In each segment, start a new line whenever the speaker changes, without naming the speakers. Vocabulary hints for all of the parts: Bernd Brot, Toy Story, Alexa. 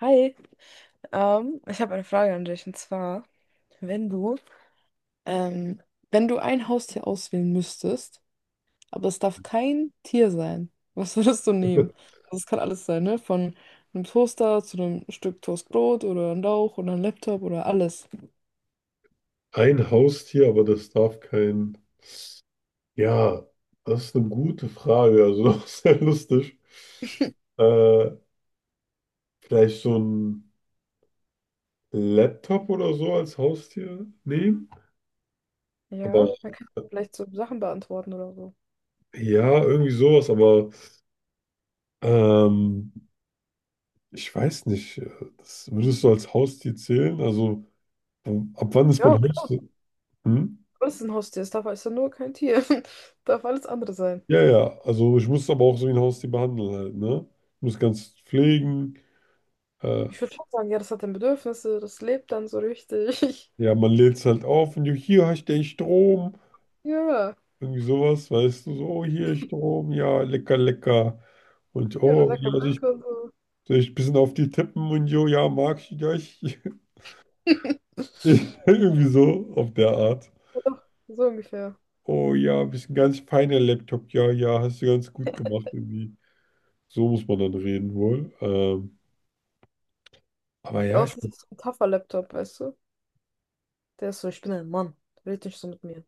Hi, ich habe eine Frage an dich und zwar, wenn du, ähm, wenn du ein Haustier auswählen müsstest, aber es darf kein Tier sein, was würdest du nehmen? Also es kann alles sein, ne? Von einem Toaster zu einem Stück Toastbrot oder einem Lauch oder einem Laptop oder alles.
Ein Haustier, aber das darf kein. Ja, das ist eine gute Frage, also auch sehr lustig. Äh, Vielleicht so ein Laptop oder so als Haustier nehmen.
Ja,
Aber
man kann
äh,
vielleicht so Sachen beantworten oder so.
ja, irgendwie sowas, aber ähm, ich weiß nicht, das würdest du als Haustier zählen? Also, ab wann ist
Ja,
man
klar,
Haustier? Hm?
alles ist ein Haustier. Es darf, es ist ja nur kein Tier. Darf alles andere sein.
Ja, ja, also ich muss es aber auch so wie ein Haustier behandeln halt, ne? Ich muss ganz pflegen. Äh,
Ich würde schon sagen, ja, das hat dann Bedürfnisse, das lebt dann so richtig.
ja, man lädt es halt auf und du, hier hast du den Strom.
Ja,
Irgendwie sowas, weißt du, so, oh, hier Strom, ja, lecker, lecker. Und
ja, und dann
oh,
sagt
ja,
man
soll ich,
Danke und so.
soll ich ein bisschen auf die tippen und jo, ja, mag ich dich. Irgendwie so, auf der Art.
Ja, so ungefähr.
Oh ja, bist ein ganz feiner Laptop, ja, ja, hast du ganz gut gemacht irgendwie. So muss man dann reden wohl. Aber
Ja,
ja,
außer es ist so ein tougher Laptop, weißt du? Der ist so, ich bin ein Mann. Red nicht so mit mir.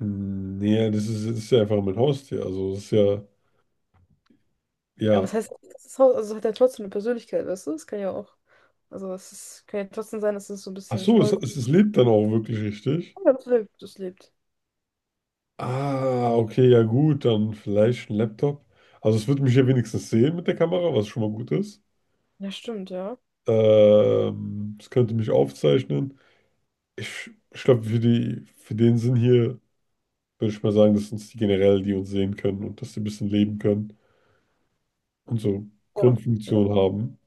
nee, das ist ja einfach mein Haustier. Also das ist ja,
Aber
ja.
was heißt, das ist, also hat er trotzdem eine Persönlichkeit, weißt du? Das kann ja auch. Also es ist, kann ja trotzdem sein, dass es so ein
Ach
bisschen
so, es,
stolz
es,
ist.
es lebt dann auch wirklich richtig.
Ja, das lebt, das lebt.
Ah, okay, ja gut, dann vielleicht ein Laptop. Also es wird mich ja wenigstens sehen mit der Kamera, was schon mal gut ist.
Ja, stimmt, ja.
Es könnte mich aufzeichnen. Ich glaube, für den Sinn hier würde ich mal sagen, dass uns die generell, die uns sehen können und dass sie ein bisschen leben können und so
Ja. Ja,
Grundfunktion haben.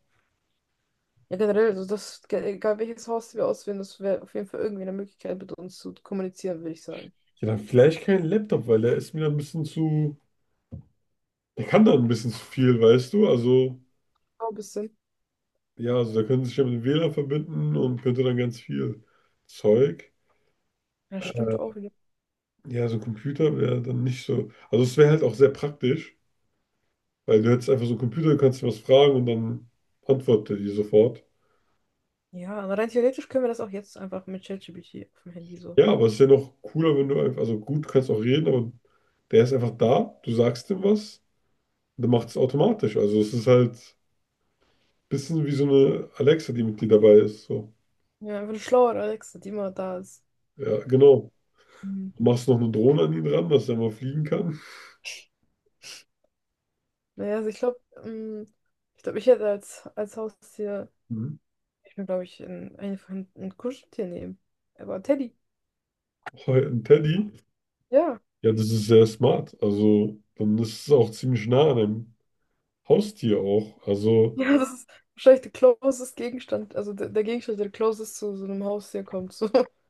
ja, generell, also das, egal welches Haus wir auswählen, das wäre auf jeden Fall irgendwie eine Möglichkeit, mit uns zu kommunizieren, würde ich sagen.
Ja, dann vielleicht kein Laptop, weil der ist mir ein bisschen zu. Der kann dann ein bisschen zu viel, weißt du? Also,
Ja, ein bisschen.
ja, also der könnte sich ja mit dem WLAN verbinden und könnte dann ganz viel Zeug.
Ja,
Äh,
stimmt auch wieder.
Ja, so ein Computer wäre dann nicht so. Also, es wäre halt auch sehr praktisch, weil du hättest einfach so einen Computer, du kannst dir was fragen und dann antwortet er dir sofort.
Ja, aber rein theoretisch können wir das auch jetzt einfach mit ChatGPT auf dem Handy so.
Ja, aber es ist ja noch cooler, wenn du einfach. Also, gut, du kannst auch reden, aber der ist einfach da, du sagst ihm was und dann macht es automatisch. Also, es ist halt ein bisschen wie so eine Alexa, die mit dir dabei ist. So.
Ja, einfach eine schlauere Alexa, die immer da ist.
Ja, genau.
Mhm.
Du machst noch eine Drohne an ihn ran, dass er mal fliegen kann.
Naja, also ich glaube, ich glaube, ich hätte als, als Haustier,
Mhm.
ich mir glaube ich, ein, einfach ein Kuscheltier nehmen. Aber Teddy,
Oh, ein Teddy.
ja.
Ja, das ist sehr smart. Also, dann ist es auch ziemlich nah an einem Haustier auch. Also,
Ja, das ist wahrscheinlich der closest Gegenstand, also der, der Gegenstand, der closest zu so einem Haustier kommt. So.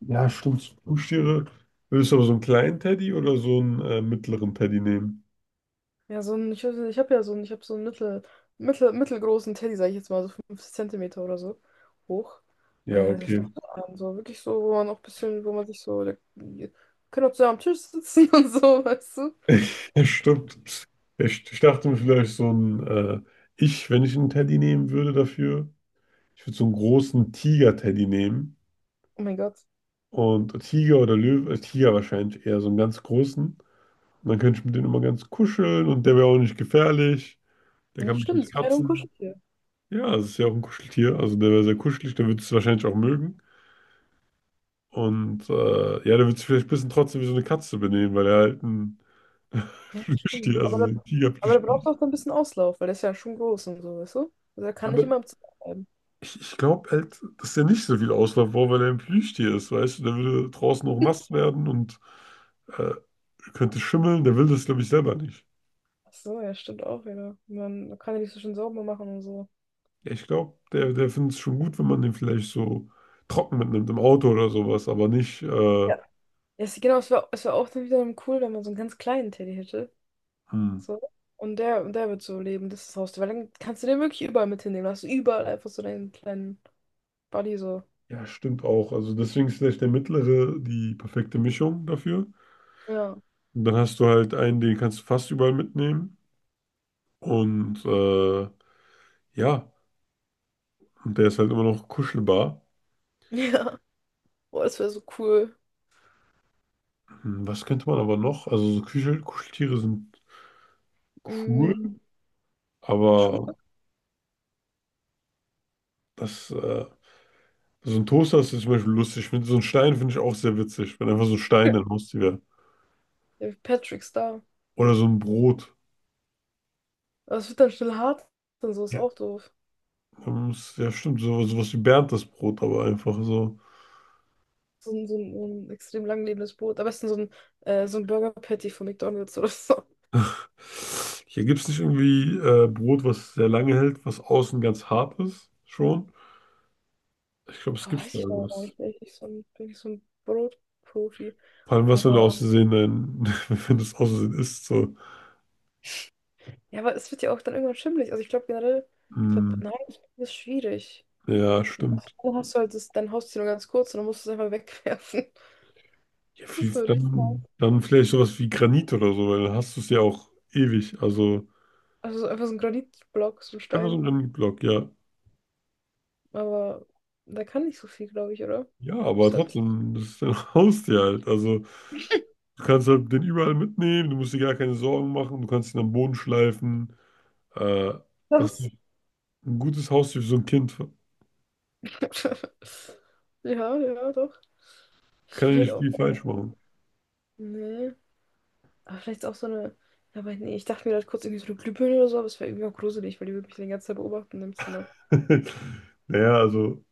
ja, stimmt. Haustiere. Willst du aber so einen kleinen Teddy oder so einen mittleren Teddy nehmen?
Ja, so ein, ich, weiß nicht, ich habe ja so einen, ich habe so einen mittel, mittelgroßen Teddy, sage ich jetzt mal, so 50 cm oder so hoch.
Ja,
Also ich
okay.
so wirklich so, wo man auch ein bisschen, wo man sich so, der, wir können auch zusammen am Tisch sitzen und so, weißt du?
Ja, stimmt. Ich dachte mir vielleicht wenn ich einen Teddy nehmen würde dafür, ich würde so einen großen Tiger-Teddy nehmen.
Oh mein Gott.
Und Tiger oder Löwe, Tiger wahrscheinlich eher so einen ganz großen. Und dann könnte ich mit dem immer ganz kuscheln und der wäre auch nicht gefährlich. Der
Ja,
kann mich
stimmt,
nicht
das war ja nur ein
kratzen.
Kuscheltier.
Ja, es ist ja auch ein Kuscheltier. Also der wäre sehr kuschelig, der würde es wahrscheinlich auch mögen. Und ja, der wird sich vielleicht ein bisschen trotzdem wie so eine Katze benehmen, weil er halt ein
Ja,
Plüschtier,
stimmt.
also so ein
Aber der
Tiger-Plüschtier
braucht
ist.
auch so ein bisschen Auslauf, weil der ist ja schon groß und so, weißt du? Also er kann nicht
Aber
immer im Zimmer bleiben.
ich glaube halt, dass der nicht so viel Auslauf braucht, weil er ein Plüschtier ist, weißt du? Der würde draußen auch nass werden und äh, könnte schimmeln. Der will das, glaube ich, selber nicht.
Ach so, ja, stimmt auch wieder. Man kann ja nicht so schön sauber machen und so.
Ja, ich glaube, der findet es schon gut, wenn man den vielleicht so trocken mitnimmt im Auto oder sowas, aber nicht.
Ja. Ja, genau, es wäre es wär auch dann wieder cool, wenn man so einen ganz kleinen Teddy hätte.
Hm.
So. Und der wird so leben, das ist das Haustier. Weil dann kannst du den wirklich überall mit hinnehmen. Dann hast du überall einfach so deinen kleinen Buddy so.
Ja, stimmt auch. Also deswegen ist vielleicht der mittlere die perfekte Mischung dafür.
Ja.
Und dann hast du halt einen, den kannst du fast überall mitnehmen. Und ja, und der ist halt immer noch kuschelbar.
Ja. Boah, das wäre so cool.
Was könnte man aber noch? Also so Kuscheltiere sind cool,
Mhm. Schuhe.
aber das, äh, so ein Toaster ist zum Beispiel lustig. So ein Stein finde ich auch sehr witzig, wenn einfach so ein Stein dein Haustier wäre.
Der Patrick Star.
Oder so ein Brot.
Aber es wird dann schnell hart und so, ist
Ja,
auch doof.
ja stimmt, sowas wie Bernd Brot, aber einfach so.
So ein, so ein, so ein extrem langlebendes Brot. Am besten so ein Burger Patty von McDonald's oder so.
Hier gibt es nicht irgendwie Brot, was sehr lange hält, was außen ganz hart ist, schon. Ich glaube, es
Oh,
gibt da
weiß ich noch gar
irgendwas.
nicht. Bin ich nicht so ein, bin ich so ein Brotprofi.
Vor allem, was, wenn du
Aber
aus Versehen, dann, wenn du es aus Versehen isst, so.
ja, aber es wird ja auch dann irgendwann schimmelig. Also ich glaube generell, ich glaube,
Hm,
nein, das ist schwierig.
ja, stimmt.
Dann hast du halt das, dein Haustier nur ganz kurz und dann musst du es einfach wegwerfen.
Ja,
Das
viel,
würde ich.
dann, dann vielleicht sowas wie Granit oder so, weil dann hast du es ja auch ewig. Also
Also so einfach so ein Granitblock, so ein
einfach so ein
Stein.
Granitblock, ja.
Aber da kann nicht so viel, glaube ich, oder?
Ja, aber
Ist halt.
trotzdem, das ist dein Haustier halt. Also. Du kannst halt den überall mitnehmen, du musst dir gar keine Sorgen machen, du kannst ihn am Boden schleifen. Äh, Das ist
Das.
ein gutes Haustier für so ein Kind.
Ja, ja, doch. Ich
Kann ja
überlege
nicht
auch.
viel falsch machen.
Nee. Aber vielleicht auch so eine. Ja, aber nee, ich dachte mir gerade kurz irgendwie so eine Glühbirne oder so, aber es wäre irgendwie auch gruselig, weil die würde mich die ganze Zeit beobachten im Zimmer.
Naja, also,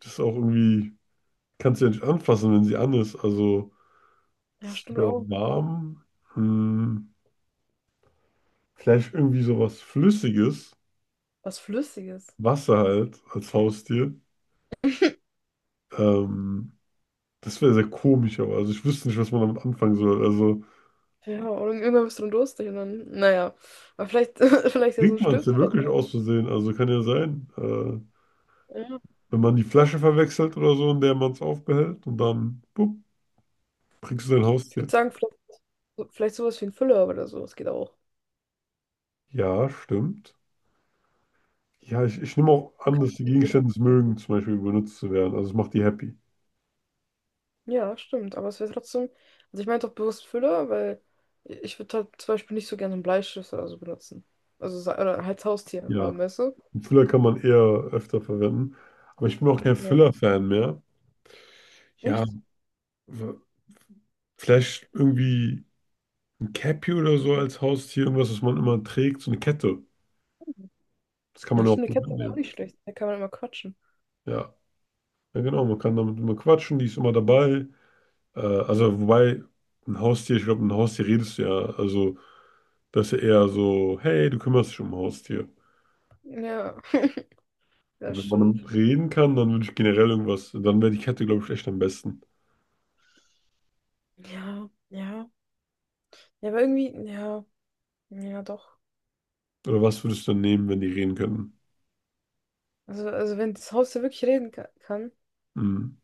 das ist auch irgendwie, kannst du ja nicht anfassen, wenn sie an ist. Also,
Ja,
das
stimmt
wird ja auch
auch.
warm. Hm, Vielleicht irgendwie sowas Flüssiges,
Was Flüssiges.
Wasser halt, als Haustier. Ähm, Das wäre sehr komisch, aber also ich wüsste nicht, was man damit anfangen soll. Also,
Ja, und irgendwann bist du dann durstig und dann, naja. Aber vielleicht, vielleicht ja so
trinkt
ein
man es
Stift
ja
oder
wirklich
so.
aus Versehen, also kann ja sein.
Ja.
Wenn man die Flasche verwechselt oder so, in der man es aufbehält und dann, bup, kriegst du dein
Ich
Haustier.
würde sagen, vielleicht, vielleicht sowas wie ein Füller oder so. Das geht auch.
Ja, stimmt. Ja, ich nehme auch
Man
an,
kann
dass die
es wieder.
Gegenstände es mögen, zum Beispiel benutzt zu werden. Also es macht die happy.
Ja, stimmt, aber es wäre trotzdem, also ich meine doch bewusst Füller, weil ich würde halt zum Beispiel nicht so gerne einen Bleistift oder so benutzen. Also, oder halt Haustier
Ja,
haben, weißt du?
einen Füller kann man eher öfter verwenden. Aber ich bin auch kein
Ja,
Füller-Fan mehr. Ja,
echt?
w- vielleicht irgendwie ein Cappy oder so als Haustier, irgendwas, was man immer trägt, so eine Kette. Das kann
Ja,
man auch
stimmt, eine
gut
Katze wäre auch
mitnehmen.
nicht schlecht, da kann man immer quatschen.
Ja, ja genau, man kann damit immer quatschen, die ist immer dabei. Also, wobei, ein Haustier, ich glaube, mit einem Haustier redest du ja. Also, das ist ja eher so, hey, du kümmerst dich um ein Haustier.
Ja,
Und
das
wenn man
stimmt.
damit reden kann, dann würde ich generell irgendwas, dann wäre die Kette, glaube ich, echt am besten.
Ja, ja, ja, aber irgendwie, ja, ja, doch.
Oder was würdest du dann nehmen, wenn die reden könnten?
Also wenn das Haustier wirklich reden kann,
Hm,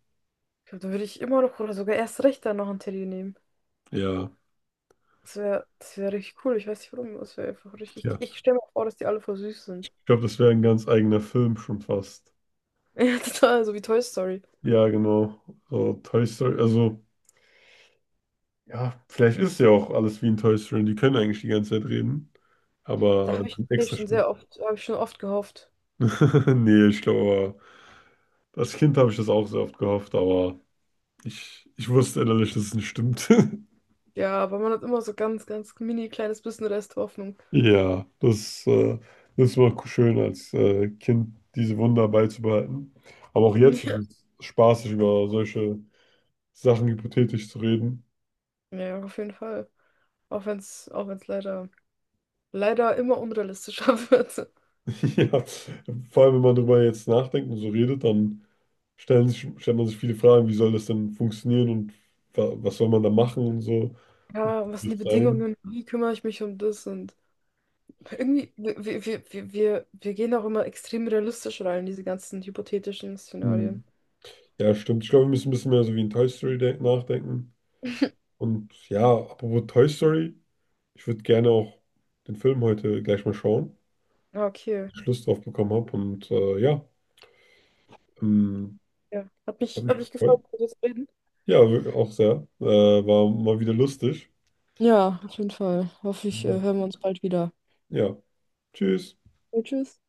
ich glaube, dann würde ich immer noch oder sogar erst recht dann noch ein Teddy nehmen.
ja,
Das wäre richtig cool, ich weiß nicht warum, das wäre einfach richtig,
ja.
ich stelle mir vor, dass die alle voll süß sind.
Ich glaube, das wäre ein ganz eigener Film schon fast.
Ja, total, so wie Toy Story.
Ja, genau. So, Toy Story, also, ja, vielleicht ist ja auch alles wie in Toy Story. Die können eigentlich die ganze Zeit reden,
Da
aber
habe ich
die sind
tatsächlich
extra
schon
schlimm.
sehr oft, habe ich schon oft gehofft.
Nee, ich glaube, als Kind habe ich das auch sehr oft gehofft, aber. Ich wusste innerlich, dass es nicht stimmt.
Ja, aber man hat immer so ganz, ganz mini kleines bisschen Rest Hoffnung.
Ja, das war schön als Kind, diese Wunder beizubehalten. Aber auch jetzt ist
Ja.
es spaßig, über solche Sachen hypothetisch zu reden.
Ja, auf jeden Fall. Auch wenn es leider, leider immer unrealistischer wird.
Ja, vor allem, wenn man darüber jetzt nachdenkt und so redet, dann stellt man sich viele Fragen, wie soll das denn funktionieren und wa was soll man da machen und so.
Ja, und was
Wie
sind die
es sein?
Bedingungen? Wie kümmere ich mich um das? Und irgendwie, wir, wir gehen auch immer extrem realistisch rein, diese ganzen hypothetischen Szenarien.
Hm. Ja, stimmt. Ich glaube, wir müssen ein bisschen mehr so wie in Toy Story nachdenken. Und ja, apropos Toy Story. Ich würde gerne auch den Film heute gleich mal schauen,
Ja, okay.
dass ich Lust drauf bekommen habe. Und ja, ähm,
Ja.
hat mich
Hat mich gefreut,
gefreut.
mit dir zu reden.
Ja, auch sehr. War mal wieder lustig.
Ja, auf jeden Fall. Hoffe ich,
Ja.
hören wir uns bald wieder.
Ja. Tschüss.
Ja, tschüss.